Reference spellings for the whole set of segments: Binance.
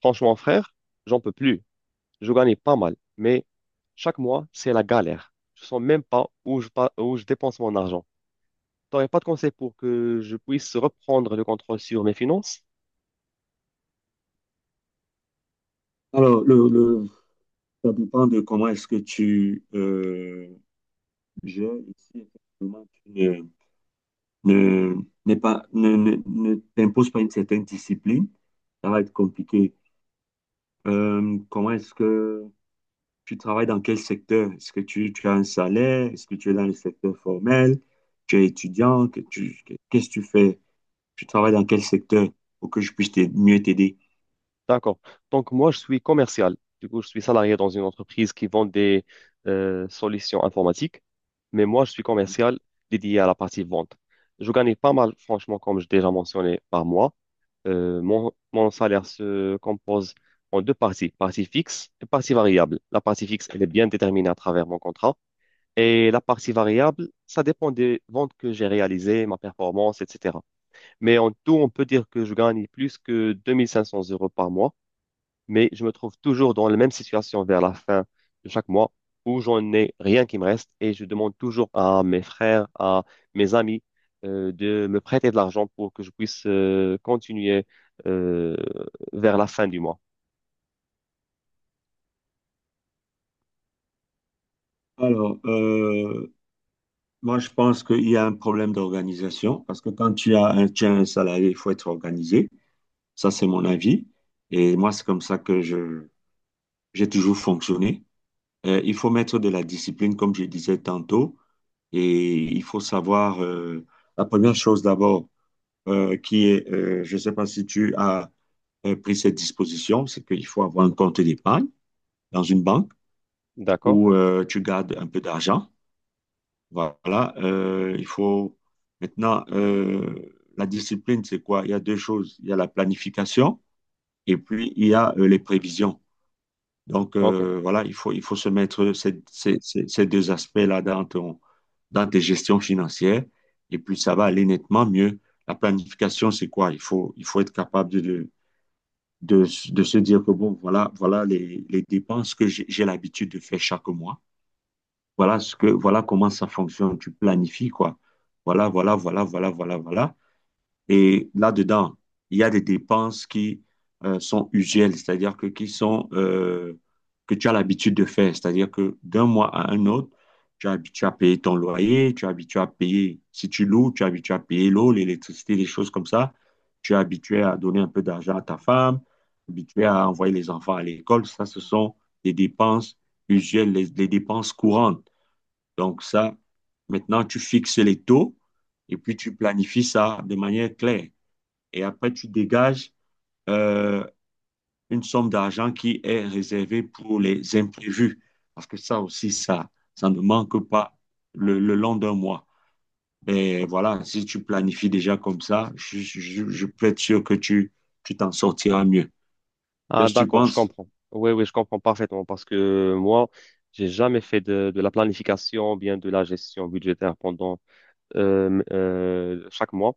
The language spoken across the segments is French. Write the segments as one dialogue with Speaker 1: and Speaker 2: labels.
Speaker 1: Franchement, frère, j'en peux plus. Je gagnais pas mal, mais chaque mois, c'est la galère. Je sens même pas où où je dépense mon argent. T'aurais pas de conseil pour que je puisse reprendre le contrôle sur mes finances?
Speaker 2: Alors, ça dépend de comment est-ce que tu gères ici. Effectivement, tu ne, ne- n'es pas, ne, ne- ne t'imposes pas une certaine discipline. Ça va être compliqué. Comment est-ce que tu travailles dans quel secteur? Est-ce que tu as un salaire? Est-ce que tu es dans le secteur formel? Tu es étudiant? Qu'est-ce que tu fais? Tu travailles dans quel secteur pour que je puisse mieux t'aider?
Speaker 1: D'accord. Donc, moi, je suis commercial. Du coup, je suis salarié dans une entreprise qui vend des solutions informatiques. Mais moi, je suis commercial dédié à la partie vente. Je gagnais pas mal, franchement, comme je déjà mentionné, par mois. Mon salaire se compose en deux parties, partie fixe et partie variable. La partie fixe, elle est bien déterminée à travers mon contrat. Et la partie variable, ça dépend des ventes que j'ai réalisées, ma performance, etc. Mais en tout, on peut dire que je gagne plus que 2500 € par mois, mais je me trouve toujours dans la même situation vers la fin de chaque mois où j'en ai rien qui me reste, et je demande toujours à mes frères, à mes amis de me prêter de l'argent pour que je puisse continuer euh, vers la fin du mois.
Speaker 2: Alors, moi, je pense qu'il y a un problème d'organisation parce que quand tu as un salarié, il faut être organisé. Ça, c'est mon avis. Et moi, c'est comme ça que j'ai toujours fonctionné. Il faut mettre de la discipline, comme je disais tantôt, et il faut savoir, la première chose d'abord, qui est, je ne sais pas si tu as pris cette disposition, c'est qu'il faut avoir un compte d'épargne dans une banque
Speaker 1: D'accord?
Speaker 2: où tu gardes un peu d'argent. Voilà, il faut maintenant la discipline, c'est quoi? Il y a deux choses. Il y a la planification et puis il y a les prévisions. Donc
Speaker 1: Ok.
Speaker 2: voilà, il faut se mettre ces deux aspects-là dans dans tes gestions financières et puis ça va aller nettement mieux. La planification, c'est quoi? Il faut être capable de, de se dire que bon, voilà, voilà les dépenses que j'ai l'habitude de faire chaque mois. Voilà comment ça fonctionne. Tu planifies, quoi. Voilà, voilà, voilà, voilà, voilà, voilà. Et là-dedans, il y a des dépenses qui sont usuelles, c'est-à-dire que qui sont que tu as l'habitude de faire. C'est-à-dire que d'un mois à un autre, tu es habitué à payer ton loyer, tu es habitué à payer, si tu loues, tu es habitué à payer l'eau, l'électricité, des choses comme ça. Tu es habitué à donner un peu d'argent à ta femme, habitué à envoyer les enfants à l'école. Ça, ce sont des dépenses usuelles, les dépenses courantes. Donc ça, maintenant, tu fixes les taux et puis tu planifies ça de manière claire. Et après, tu dégages euh, une somme d'argent qui est réservée pour les imprévus. Parce que ça aussi, ça ne manque pas le long d'un mois. Et voilà, si tu planifies déjà comme ça, je peux être sûr que tu t'en sortiras mieux.
Speaker 1: Ah,
Speaker 2: Qu'est-ce que tu
Speaker 1: d'accord, je
Speaker 2: penses?
Speaker 1: comprends. Oui, oui, je comprends parfaitement parce que moi, j'ai jamais fait de la planification, bien de la gestion budgétaire pendant chaque mois.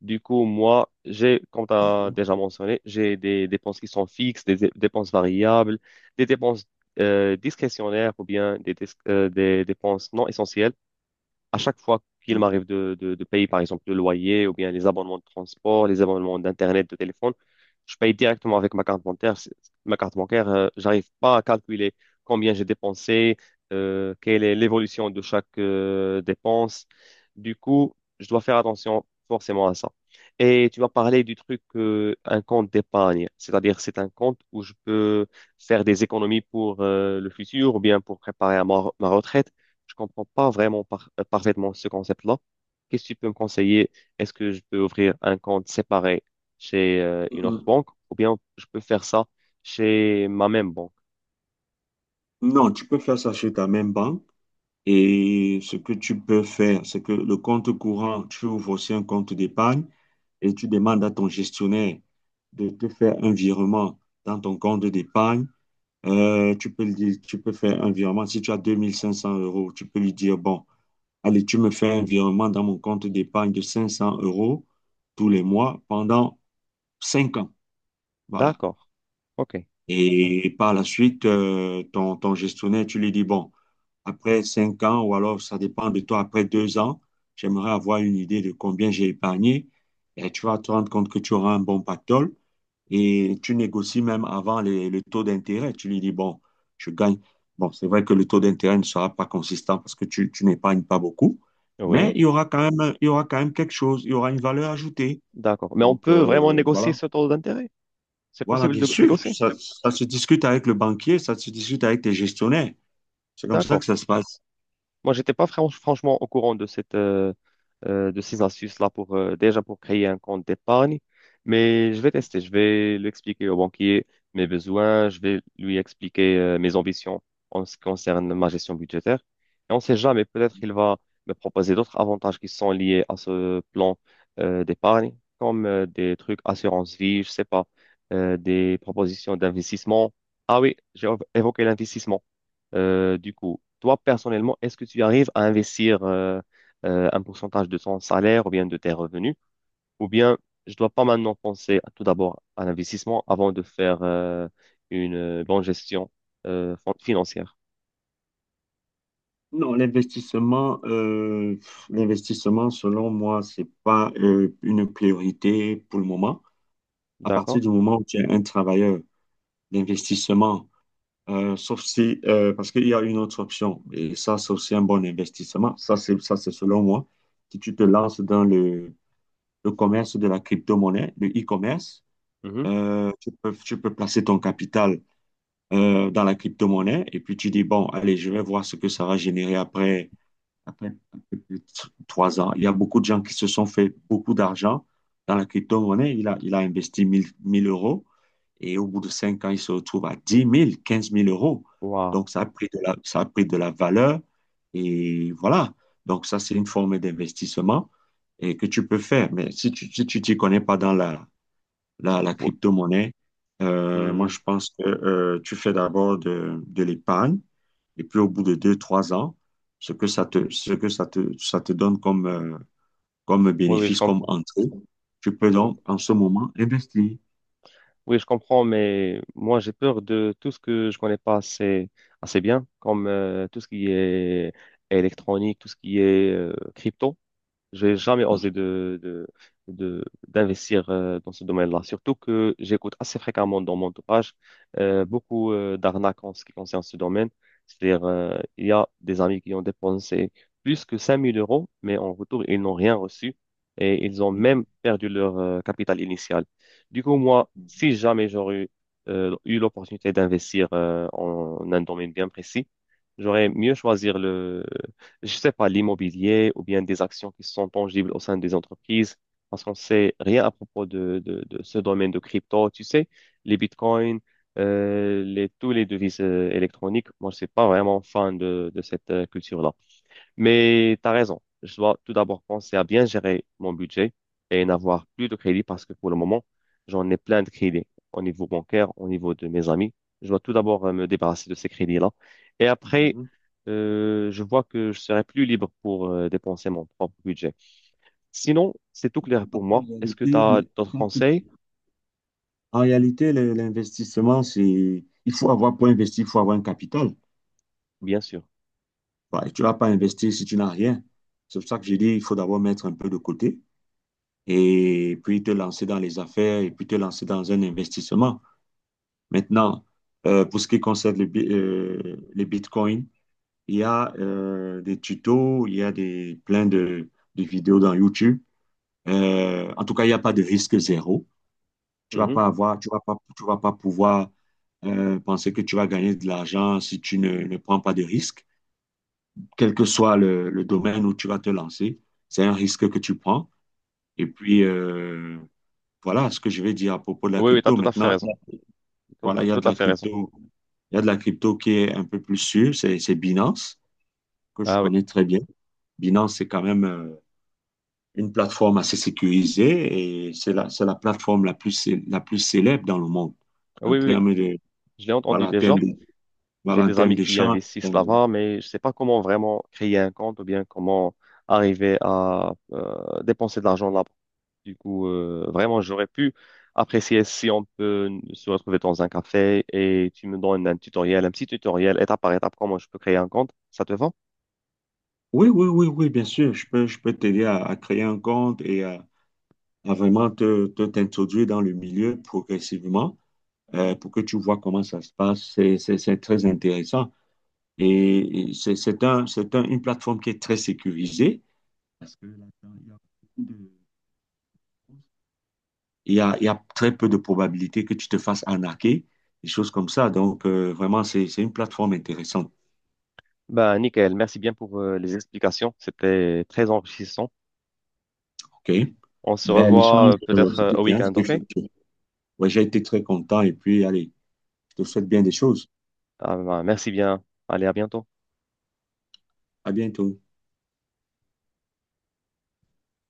Speaker 1: Du coup, moi, j'ai, comme tu as
Speaker 2: Mhm.
Speaker 1: déjà mentionné, j'ai des dépenses qui sont fixes, des dépenses variables, des dépenses discrétionnaires ou bien des dépenses non essentielles à chaque fois qu'il m'arrive de payer, par exemple, le loyer ou bien les abonnements de transport, les abonnements d'Internet, de téléphone, je paye directement avec ma carte bancaire. Ma carte bancaire, j'arrive pas à calculer combien j'ai dépensé, quelle est l'évolution de chaque dépense. Du coup, je dois faire attention forcément à ça. Et tu m'as parlé du truc, un compte d'épargne, c'est-à-dire c'est un compte où je peux faire des économies pour le futur ou bien pour préparer à ma retraite. Je comprends pas vraiment parfaitement ce concept-là. Qu'est-ce que tu peux me conseiller? Est-ce que je peux ouvrir un compte séparé chez une autre
Speaker 2: Mhm.
Speaker 1: banque ou bien je peux faire ça chez ma même banque?
Speaker 2: Non, tu peux faire ça chez ta même banque. Et ce que tu peux faire, c'est que le compte courant, tu ouvres aussi un compte d'épargne et tu demandes à ton gestionnaire de te faire un virement dans ton compte d'épargne. Tu peux faire un virement. Si tu as 2500 euros, tu peux lui dire, bon, allez, tu me fais un virement dans mon compte d'épargne de 500 euros tous les mois pendant 5 ans. Voilà.
Speaker 1: D'accord. OK.
Speaker 2: Et par la suite, ton gestionnaire, tu lui dis, bon, après 5 ans, ou alors ça dépend de toi, après 2 ans, j'aimerais avoir une idée de combien j'ai épargné. Et tu vas te rendre compte que tu auras un bon pactole. Et tu négocies même avant le taux d'intérêt. Tu lui dis, bon, je gagne. Bon, c'est vrai que le taux d'intérêt ne sera pas consistant parce que tu n'épargnes pas beaucoup, mais
Speaker 1: Oui.
Speaker 2: il y aura quand même, il y aura quand même quelque chose, il y aura une valeur ajoutée.
Speaker 1: D'accord. Mais on
Speaker 2: Donc,
Speaker 1: peut vraiment négocier
Speaker 2: voilà.
Speaker 1: ce taux d'intérêt? C'est
Speaker 2: Voilà,
Speaker 1: possible
Speaker 2: bien
Speaker 1: de
Speaker 2: sûr,
Speaker 1: négocier?
Speaker 2: ça se discute avec le banquier, ça se discute avec tes gestionnaires. C'est comme ça
Speaker 1: D'accord.
Speaker 2: que ça se passe.
Speaker 1: Moi, j'étais pas franchement au courant de de ces astuces-là pour déjà pour créer un compte d'épargne, mais je vais tester. Je vais l'expliquer au banquier mes besoins. Je vais lui expliquer mes ambitions en ce qui concerne ma gestion budgétaire. Et on ne sait jamais, peut-être il va me proposer d'autres avantages qui sont liés à ce plan d'épargne, comme des trucs assurance vie, je sais pas, des propositions d'investissement. Ah oui, j'ai évoqué l'investissement. Du coup, toi, personnellement, est-ce que tu arrives à investir un pourcentage de ton salaire ou bien de tes revenus? Ou bien, je dois pas maintenant penser à- tout d'abord à l'investissement avant de faire une bonne gestion financière.
Speaker 2: Non, l'investissement, selon moi, c'est pas une priorité pour le moment. À partir
Speaker 1: D'accord?
Speaker 2: du moment où tu es un travailleur d'investissement, sauf si, parce qu'il y a une autre option, et ça, c'est aussi un bon investissement. Ça, c'est selon moi. Si tu te lances dans le commerce de la crypto-monnaie, le e-commerce,
Speaker 1: Mhm.
Speaker 2: tu peux placer ton capital dans la crypto-monnaie et puis tu dis, bon, allez, je vais voir ce que ça va générer après un peu plus de 3 ans. Il y a beaucoup de gens qui se sont fait beaucoup d'argent dans la crypto-monnaie. Il a investi 1000 euros et au bout de 5 ans, il se retrouve à 10 000 15 000 euros.
Speaker 1: Waouh.
Speaker 2: Donc, ça a pris de la valeur et voilà. Donc, ça, c'est une forme d'investissement et que tu peux faire. Mais si tu t'y connais pas dans la
Speaker 1: Ou-
Speaker 2: crypto-monnaie. Moi,
Speaker 1: hmm.
Speaker 2: je pense que tu fais d'abord de l'épargne et puis au bout de 2, 3 ans, ce que ça te, ce que ça te donne comme, comme
Speaker 1: Oui, oui, je
Speaker 2: bénéfice, comme
Speaker 1: comprends.
Speaker 2: entrée, tu peux donc
Speaker 1: Oui.
Speaker 2: en ce moment investir.
Speaker 1: Oui, je comprends, mais moi, j'ai peur de tout ce que je connais pas assez, assez bien, comme tout ce qui est électronique, tout ce qui est crypto. J'ai jamais osé d'investir dans ce domaine-là. Surtout que j'écoute assez fréquemment dans mon entourage beaucoup d'arnaques en ce qui concerne ce domaine. C'est-à-dire, il y a des amis qui ont dépensé plus que 5000 euros, mais en retour, ils n'ont rien reçu et ils ont
Speaker 2: Mhm.
Speaker 1: même perdu leur capital initial. Du coup, moi, si jamais j'aurais eu l'opportunité d'investir en un domaine bien précis, j'aurais mieux choisir, je sais pas, l'immobilier ou bien des actions qui sont tangibles au sein des entreprises, parce qu'on sait rien à propos de ce domaine de crypto. Tu sais, les bitcoins, tous les devises électroniques, moi, je suis pas vraiment fan de cette culture-là. Mais tu as raison. Je dois tout d'abord penser à bien gérer mon budget et n'avoir plus de crédit parce que pour le moment, j'en ai plein de crédits au niveau bancaire, au niveau de mes amis. Je dois tout d'abord me débarrasser de ces crédits-là. Et après,
Speaker 2: Mhm.
Speaker 1: je vois que je serai plus libre pour dépenser mon propre budget. Sinon, c'est tout clair pour
Speaker 2: En
Speaker 1: moi. Est-ce que tu
Speaker 2: réalité,
Speaker 1: as d'autres conseils?
Speaker 2: en réalité, l'investissement, c'est, il faut avoir, pour investir, il faut avoir un capital.
Speaker 1: Bien sûr.
Speaker 2: Bah, et tu ne vas pas investir si tu n'as rien. C'est pour ça que j'ai dit, il faut d'abord mettre un peu de côté. Et puis te lancer dans les affaires et puis te lancer dans un investissement. Maintenant, pour ce qui concerne les bitcoins, il y a des tutos, il y a plein de vidéos dans YouTube. En tout cas, il n'y a pas de risque zéro.
Speaker 1: Mhm.
Speaker 2: Tu vas pas pouvoir penser que tu vas gagner de l'argent si tu ne, ne prends pas de risque. Quel que soit le domaine où tu vas te lancer, c'est un risque que tu prends. Et puis, voilà ce que je vais dire à propos de la
Speaker 1: Oui, oui, tu as
Speaker 2: crypto.
Speaker 1: tout à fait
Speaker 2: Maintenant,
Speaker 1: raison. Tout
Speaker 2: voilà,
Speaker 1: à tout à fait raison.
Speaker 2: il y a de la crypto qui est un peu plus sûre, c'est Binance, que je
Speaker 1: Ah oui,
Speaker 2: connais très bien. Binance, c'est quand même une plateforme assez sécurisée et c'est la plateforme la plus, la plus célèbre dans le monde en
Speaker 1: oui, oui, oui.
Speaker 2: termes de,
Speaker 1: Je l'ai entendu
Speaker 2: voilà, en
Speaker 1: déjà.
Speaker 2: termes de,
Speaker 1: J'ai
Speaker 2: voilà, en
Speaker 1: des
Speaker 2: termes
Speaker 1: amis qui
Speaker 2: d'échange.
Speaker 1: investissent là-bas, mais je sais pas comment vraiment créer un compte ou bien comment arriver à dépenser de l'argent là-bas. Du coup, vraiment, j'aurais pu apprécier si on peut se retrouver dans un café et tu me donnes un tutoriel, un petit tutoriel, étape par étape, comment je peux créer un compte. Ça te va?
Speaker 2: Oui, oui, oui, oui, bien sûr, je peux t'aider à créer un compte et à vraiment t'introduire dans le milieu progressivement pour que tu vois comment ça se passe. C'est très intéressant. Et c'est une plateforme qui est très sécurisée. Parce que là-dedans, il y a très peu de probabilités que tu te fasses arnaquer, des choses comme ça. Donc, vraiment, c'est une plateforme intéressante.
Speaker 1: Bah, nickel. Merci bien pour les explications. C'était très enrichissant.
Speaker 2: OK?
Speaker 1: On se
Speaker 2: Ben,
Speaker 1: revoit
Speaker 2: l'échange,
Speaker 1: peut-être
Speaker 2: c'était
Speaker 1: au
Speaker 2: bien,
Speaker 1: week-end,
Speaker 2: c'était
Speaker 1: ok?
Speaker 2: fructueux. Ouais, j'ai été très content et puis, allez, je te souhaite bien des choses.
Speaker 1: Ah, bah, merci bien. Allez, à bientôt.
Speaker 2: À bientôt.